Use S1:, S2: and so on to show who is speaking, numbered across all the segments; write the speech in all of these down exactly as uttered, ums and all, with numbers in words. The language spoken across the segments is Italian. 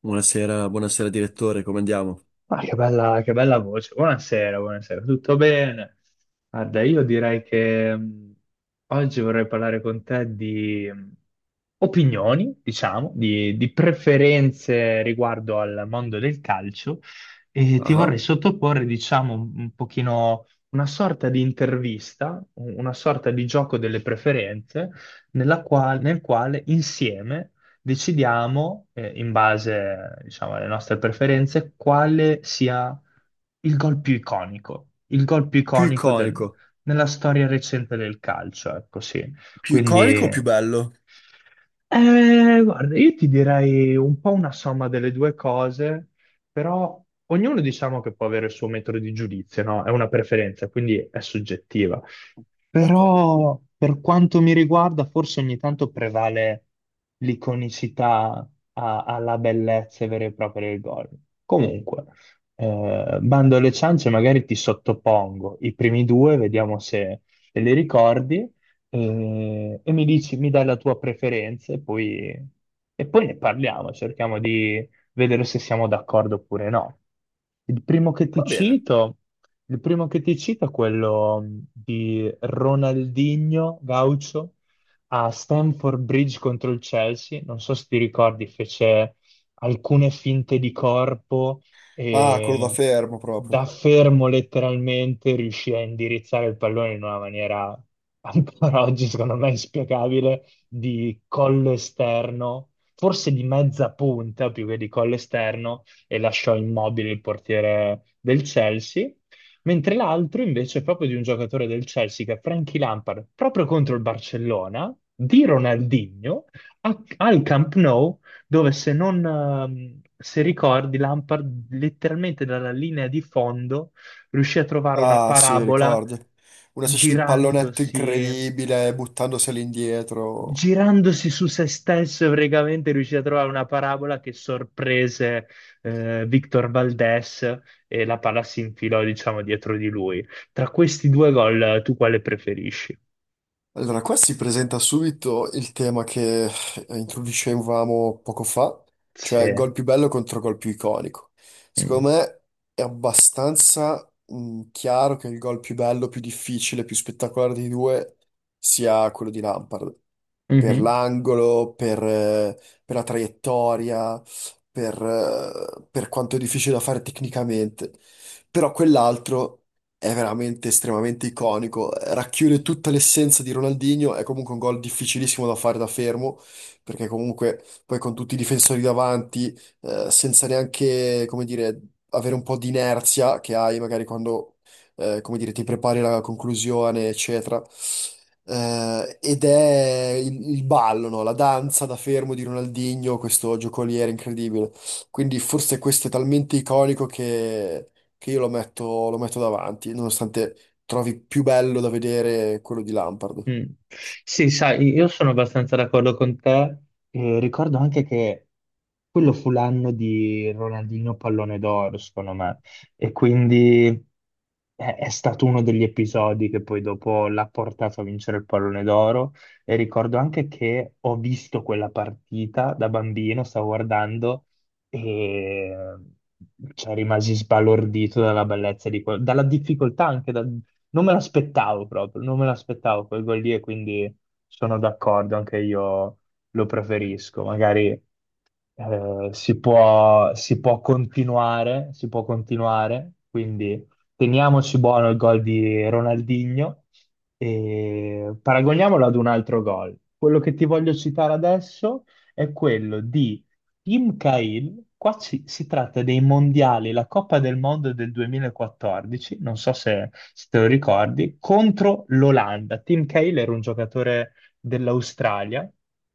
S1: Buonasera, buonasera direttore, come andiamo?
S2: Ma che bella, che bella voce. Buonasera, buonasera. Tutto bene? Guarda, io direi che mh, oggi vorrei parlare con te di mh, opinioni, diciamo, di, di preferenze riguardo al mondo del calcio e ti vorrei
S1: Ah,
S2: sottoporre, diciamo, un, un pochino una sorta di intervista, un- una sorta di gioco delle preferenze nella qual- nel quale insieme decidiamo, eh, in base, diciamo, alle nostre preferenze, quale sia il gol più iconico, il gol più
S1: più
S2: iconico del-
S1: iconico.
S2: nella storia recente del calcio, ecco sì.
S1: Più
S2: Quindi,
S1: iconico o più bello?
S2: eh, guarda, io ti direi un po' una somma delle due cose, però ognuno diciamo che può avere il suo metodo di giudizio, no? È una preferenza, quindi è soggettiva.
S1: D'accordo,
S2: Però per quanto mi riguarda, forse ogni tanto prevale l'iconicità a- alla bellezza vera e propria del gol. Comunque, eh, bando alle ciance, magari ti sottopongo i primi due, vediamo se, se li ricordi, eh, e mi dici, mi dai la tua preferenza e poi, e poi ne parliamo, cerchiamo di vedere se siamo d'accordo oppure no. Il primo che ti
S1: va bene.
S2: cito. Il primo che ti cito è quello mh, di Ronaldinho Gaucho a Stamford Bridge contro il Chelsea. Non so se ti ricordi, fece alcune finte di corpo
S1: Ah, quello da
S2: e
S1: fermo
S2: da
S1: proprio.
S2: fermo letteralmente riuscì a indirizzare il pallone in una maniera ancora oggi, secondo me, inspiegabile, di collo esterno, forse di mezza punta più che di collo esterno, e lasciò immobile il portiere del Chelsea mentre l'altro invece è proprio di un giocatore del Chelsea che è Frankie Lampard, proprio contro il Barcellona, di Ronaldinho, a- al Camp Nou, dove se non, ehm, se ricordi, Lampard letteralmente dalla linea di fondo riuscì a trovare una
S1: Ah, sì,
S2: parabola
S1: ricordo. Una specie di pallonetto
S2: girandosi
S1: incredibile buttandosi all'indietro.
S2: girandosi su se stesso e praticamente riuscì a trovare una parabola che sorprese eh, Victor Valdés e la palla si infilò, diciamo, dietro di lui. Tra questi due gol, tu quale preferisci?
S1: Allora, qua si presenta subito il tema che eh, introducevamo poco fa, cioè
S2: Sì.
S1: gol più bello contro gol più iconico.
S2: Mm.
S1: Secondo me è abbastanza mh, chiaro che il gol più bello, più difficile, più spettacolare dei due sia quello di Lampard. Per
S2: Mhm.
S1: l'angolo, per, eh, per la traiettoria, per, eh, per quanto è difficile da fare tecnicamente. Però quell'altro è veramente estremamente iconico, racchiude tutta l'essenza di Ronaldinho, è comunque un gol difficilissimo da fare da fermo, perché comunque poi con tutti i difensori davanti, eh, senza neanche, come dire, avere un po' di inerzia che hai magari quando, eh, come dire, ti prepari la conclusione, eccetera. Eh, ed è il, il ballo, no? La danza da fermo di Ronaldinho, questo giocoliere incredibile. Quindi forse questo è talmente iconico che che io lo metto, lo metto davanti, nonostante trovi più bello da vedere quello di Lampard.
S2: Mm. Sì, sai, io sono abbastanza d'accordo con te. E ricordo anche che quello fu l'anno di Ronaldinho Pallone d'Oro, secondo me, e quindi è, è stato uno degli episodi che poi dopo l'ha portato a vincere il Pallone d'Oro. E ricordo anche che ho visto quella partita da bambino, stavo guardando e cioè, rimasi sbalordito dalla bellezza di quello, dalla difficoltà anche da- non me l'aspettavo proprio, non me l'aspettavo quel gol lì e quindi sono d'accordo, anche io lo preferisco. Magari eh, si può, si può continuare, si può continuare, quindi teniamoci buono il gol di Ronaldinho e paragoniamolo ad un altro gol. Quello che ti voglio citare adesso è quello di Team Cahill, qua ci- si tratta dei mondiali, la Coppa del Mondo del duemilaquattordici, non so se, se te lo ricordi, contro l'Olanda. Team Cahill era un giocatore dell'Australia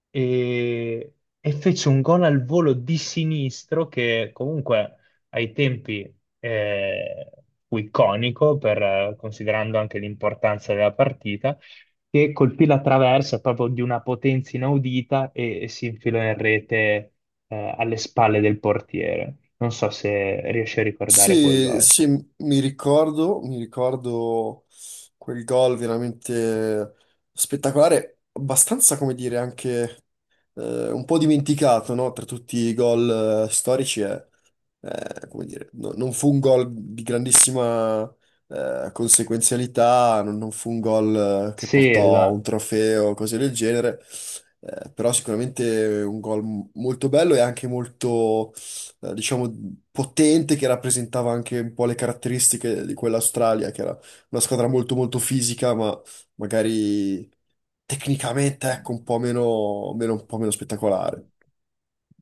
S2: e, e fece un gol al volo di sinistro che comunque ai tempi eh, fu iconico, per, eh, considerando anche l'importanza della partita che colpì la traversa proprio di una potenza inaudita e, e si infilò in rete eh, alle spalle del portiere. Non so se riesci a ricordare quel
S1: Sì,
S2: gol.
S1: sì, mi ricordo, mi ricordo quel gol veramente spettacolare, abbastanza, come dire, anche eh, un po' dimenticato, no? Tra tutti i gol eh, storici è, eh, come dire, no- non fu un gol di grandissima eh, conseguenzialità, non, non fu un gol eh, che
S2: Sì,
S1: portò a un
S2: esatto.
S1: trofeo, cose del genere, eh, però sicuramente un gol m- molto bello e anche molto, eh, diciamo, potente, che rappresentava anche un po' le caratteristiche di quell'Australia, che era una squadra molto molto fisica, ma magari tecnicamente, ecco, un po' meno, meno- un po' meno spettacolare.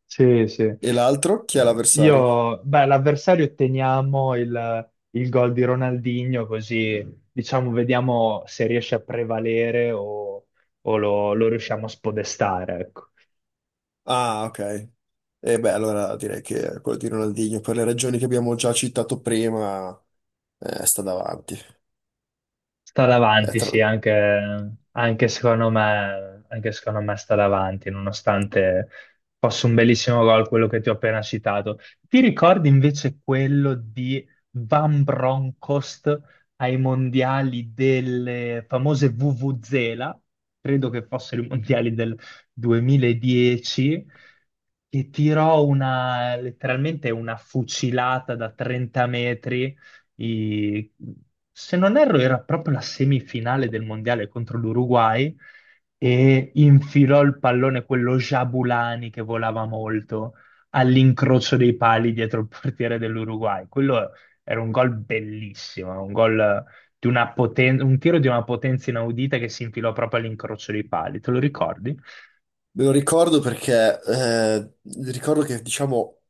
S2: Sì, sì.
S1: E l'altro, chi è
S2: No,
S1: l'avversario?
S2: Io, beh, l'avversario otteniamo il, il gol di Ronaldinho, così diciamo vediamo se riesce a prevalere o, o lo, lo riusciamo a spodestare, ecco.
S1: Ah, ok. E beh, allora direi che quello di Ronaldinho, per le ragioni che abbiamo già citato prima, eh, sta davanti.
S2: Sta
S1: Eh,
S2: davanti, sì,
S1: tra-
S2: anche, anche secondo me, anche secondo me sta davanti, nonostante fosse un bellissimo gol quello che ti ho appena citato. Ti ricordi invece quello di Van Bronckhorst ai mondiali delle famose Vuvuzela? Credo che fossero i mondiali del duemiladieci, che tirò una, letteralmente una fucilata da trenta metri i- se non erro, era proprio la semifinale del mondiale contro l'Uruguay e infilò il pallone, quello Jabulani che volava molto, all'incrocio dei pali dietro il portiere dell'Uruguay. Quello era un gol bellissimo, un gol di una poten- un tiro di una potenza inaudita che si infilò proprio all'incrocio dei pali. Te lo ricordi?
S1: Me lo ricordo perché, eh, ricordo che, diciamo,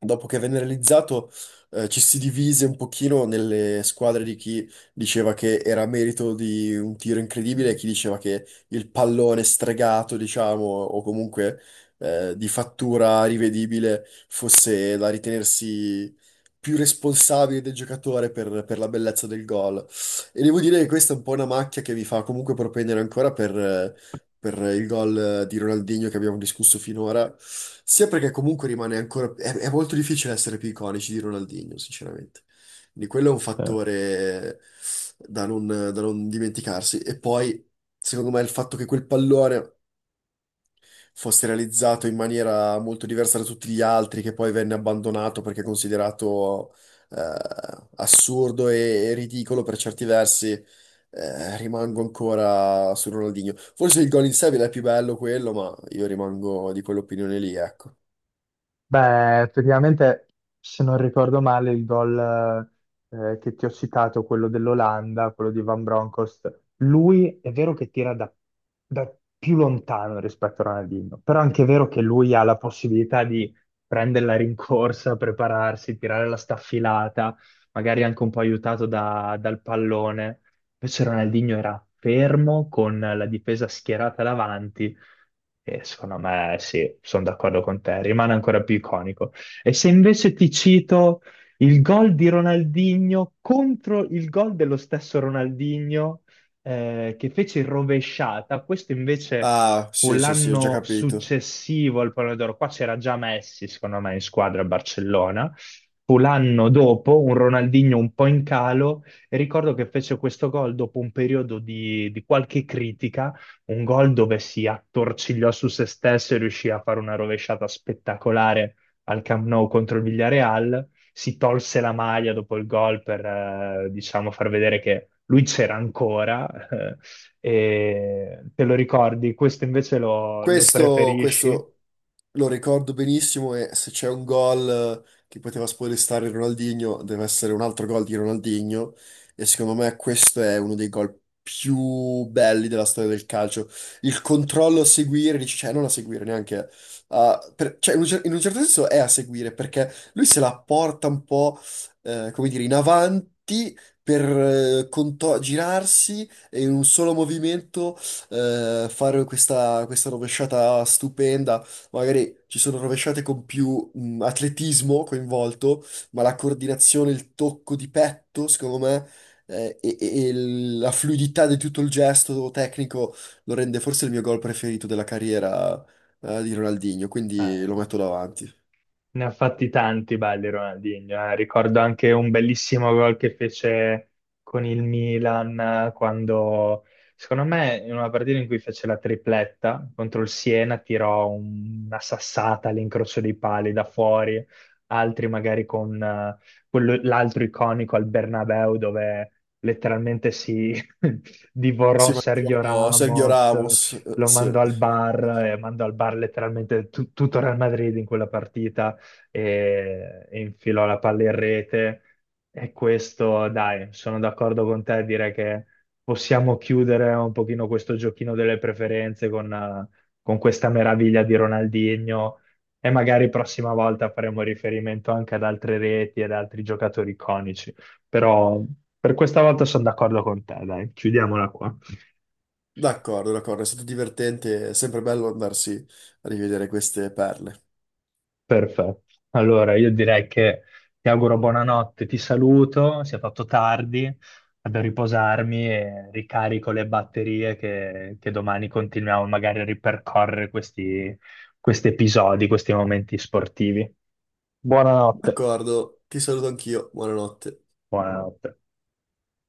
S1: dopo che venne realizzato, eh, ci si divise un pochino nelle squadre di chi diceva che era merito di un tiro incredibile e chi diceva che il pallone stregato, diciamo, o comunque eh, di fattura rivedibile fosse da ritenersi più responsabile del giocatore per, per la bellezza del gol. E devo dire che questa è un po' una macchia che mi fa comunque propendere ancora per il gol eh, di Ronaldinho che abbiamo discusso finora, sia perché comunque rimane ancora... È, è molto difficile essere più iconici di Ronaldinho, sinceramente. Quindi quello è un
S2: Sì.
S1: fattore da non, da non dimenticarsi. E poi, secondo me, il fatto che quel pallone fosse realizzato in maniera molto diversa da tutti gli altri, che poi venne abbandonato perché considerato eh, assurdo e, e ridicolo per certi versi. Eh, rimango ancora su Ronaldinho. Forse il gol in sé è più bello quello, ma io rimango di quell'opinione lì, ecco.
S2: Beh, effettivamente, se non ricordo male, il gol eh, eh, che ti ho citato, quello dell'Olanda, quello di Van Bronckhorst, lui è vero che tira da, da più lontano rispetto a Ronaldinho, però anche è vero che lui ha la possibilità di prendere la rincorsa, prepararsi, tirare la staffilata, magari anche un po' aiutato da- dal pallone. Invece Ronaldinho era fermo con la difesa schierata davanti e secondo me sì, sono d'accordo con te, rimane ancora più iconico. E se invece ti cito il gol di Ronaldinho contro il gol dello stesso Ronaldinho eh, che fece in rovesciata, questo invece
S1: Ah,
S2: fu
S1: sì, sì, sì, ho già
S2: l'anno
S1: capito.
S2: successivo al Pallone d'Oro, qua c'era già Messi secondo me in squadra a Barcellona, fu l'anno dopo un Ronaldinho un po' in calo e ricordo che fece questo gol dopo un periodo di di qualche critica. Un gol dove si attorcigliò su se stesso e riuscì a fare una rovesciata spettacolare al Camp Nou contro il Villarreal. Si tolse la maglia dopo il gol per, eh, diciamo, far vedere che lui c'era ancora. eh, e te lo ricordi? Questo invece lo, lo
S1: Questo,
S2: preferisci?
S1: questo lo ricordo benissimo e se c'è un gol eh, che poteva spoilestare Ronaldinho, deve essere un altro gol di Ronaldinho, e secondo me questo è uno dei gol più belli della storia del calcio. Il controllo a seguire, dici, cioè non a seguire neanche, a- per- cioè in un, cer- in un certo senso è a seguire perché lui se la porta un po', eh, come dire, in avanti per eh, conto- girarsi e in un solo movimento eh, fare questa, questa rovesciata stupenda. Magari ci sono rovesciate con più mh, atletismo coinvolto, ma la coordinazione, il tocco di petto, secondo me, eh, e, e- e la fluidità di tutto il gesto tecnico lo rende forse il mio gol preferito della carriera, eh, di Ronaldinho, quindi
S2: Eh,
S1: lo metto davanti.
S2: Ne ha fatti tanti belli Ronaldinho, eh. Ricordo anche un bellissimo gol che fece con il Milan eh, quando, secondo me, in una partita in cui fece la tripletta contro il Siena, tirò un- una sassata all'incrocio dei pali da fuori, altri magari con eh, quello- l'altro iconico al Bernabeu dove letteralmente si divorò
S1: Sì, ma
S2: Sergio
S1: anch'io Sergio
S2: Ramos,
S1: Ramos, eh,
S2: lo
S1: sì.
S2: mandò al bar e mandò al bar letteralmente tu- tutto Real Madrid in quella partita e, e infilò la palla in rete. E questo, dai, sono d'accordo con te a dire che possiamo chiudere un pochino questo giochino delle preferenze con, eh, con questa meraviglia di Ronaldinho e magari prossima volta faremo riferimento anche ad altre reti ed altri giocatori iconici. Però per questa volta sono d'accordo con te, dai, chiudiamola qua.
S1: D'accordo, d'accordo, è stato divertente, è sempre bello andarsi a rivedere queste perle.
S2: Perfetto. Allora, io direi che ti auguro buonanotte, ti saluto, si è fatto tardi, vado a riposarmi e ricarico le batterie che, che domani continuiamo magari a ripercorrere questi, questi episodi, questi momenti sportivi. Buonanotte.
S1: D'accordo, ti saluto anch'io, buonanotte.
S2: Buonanotte.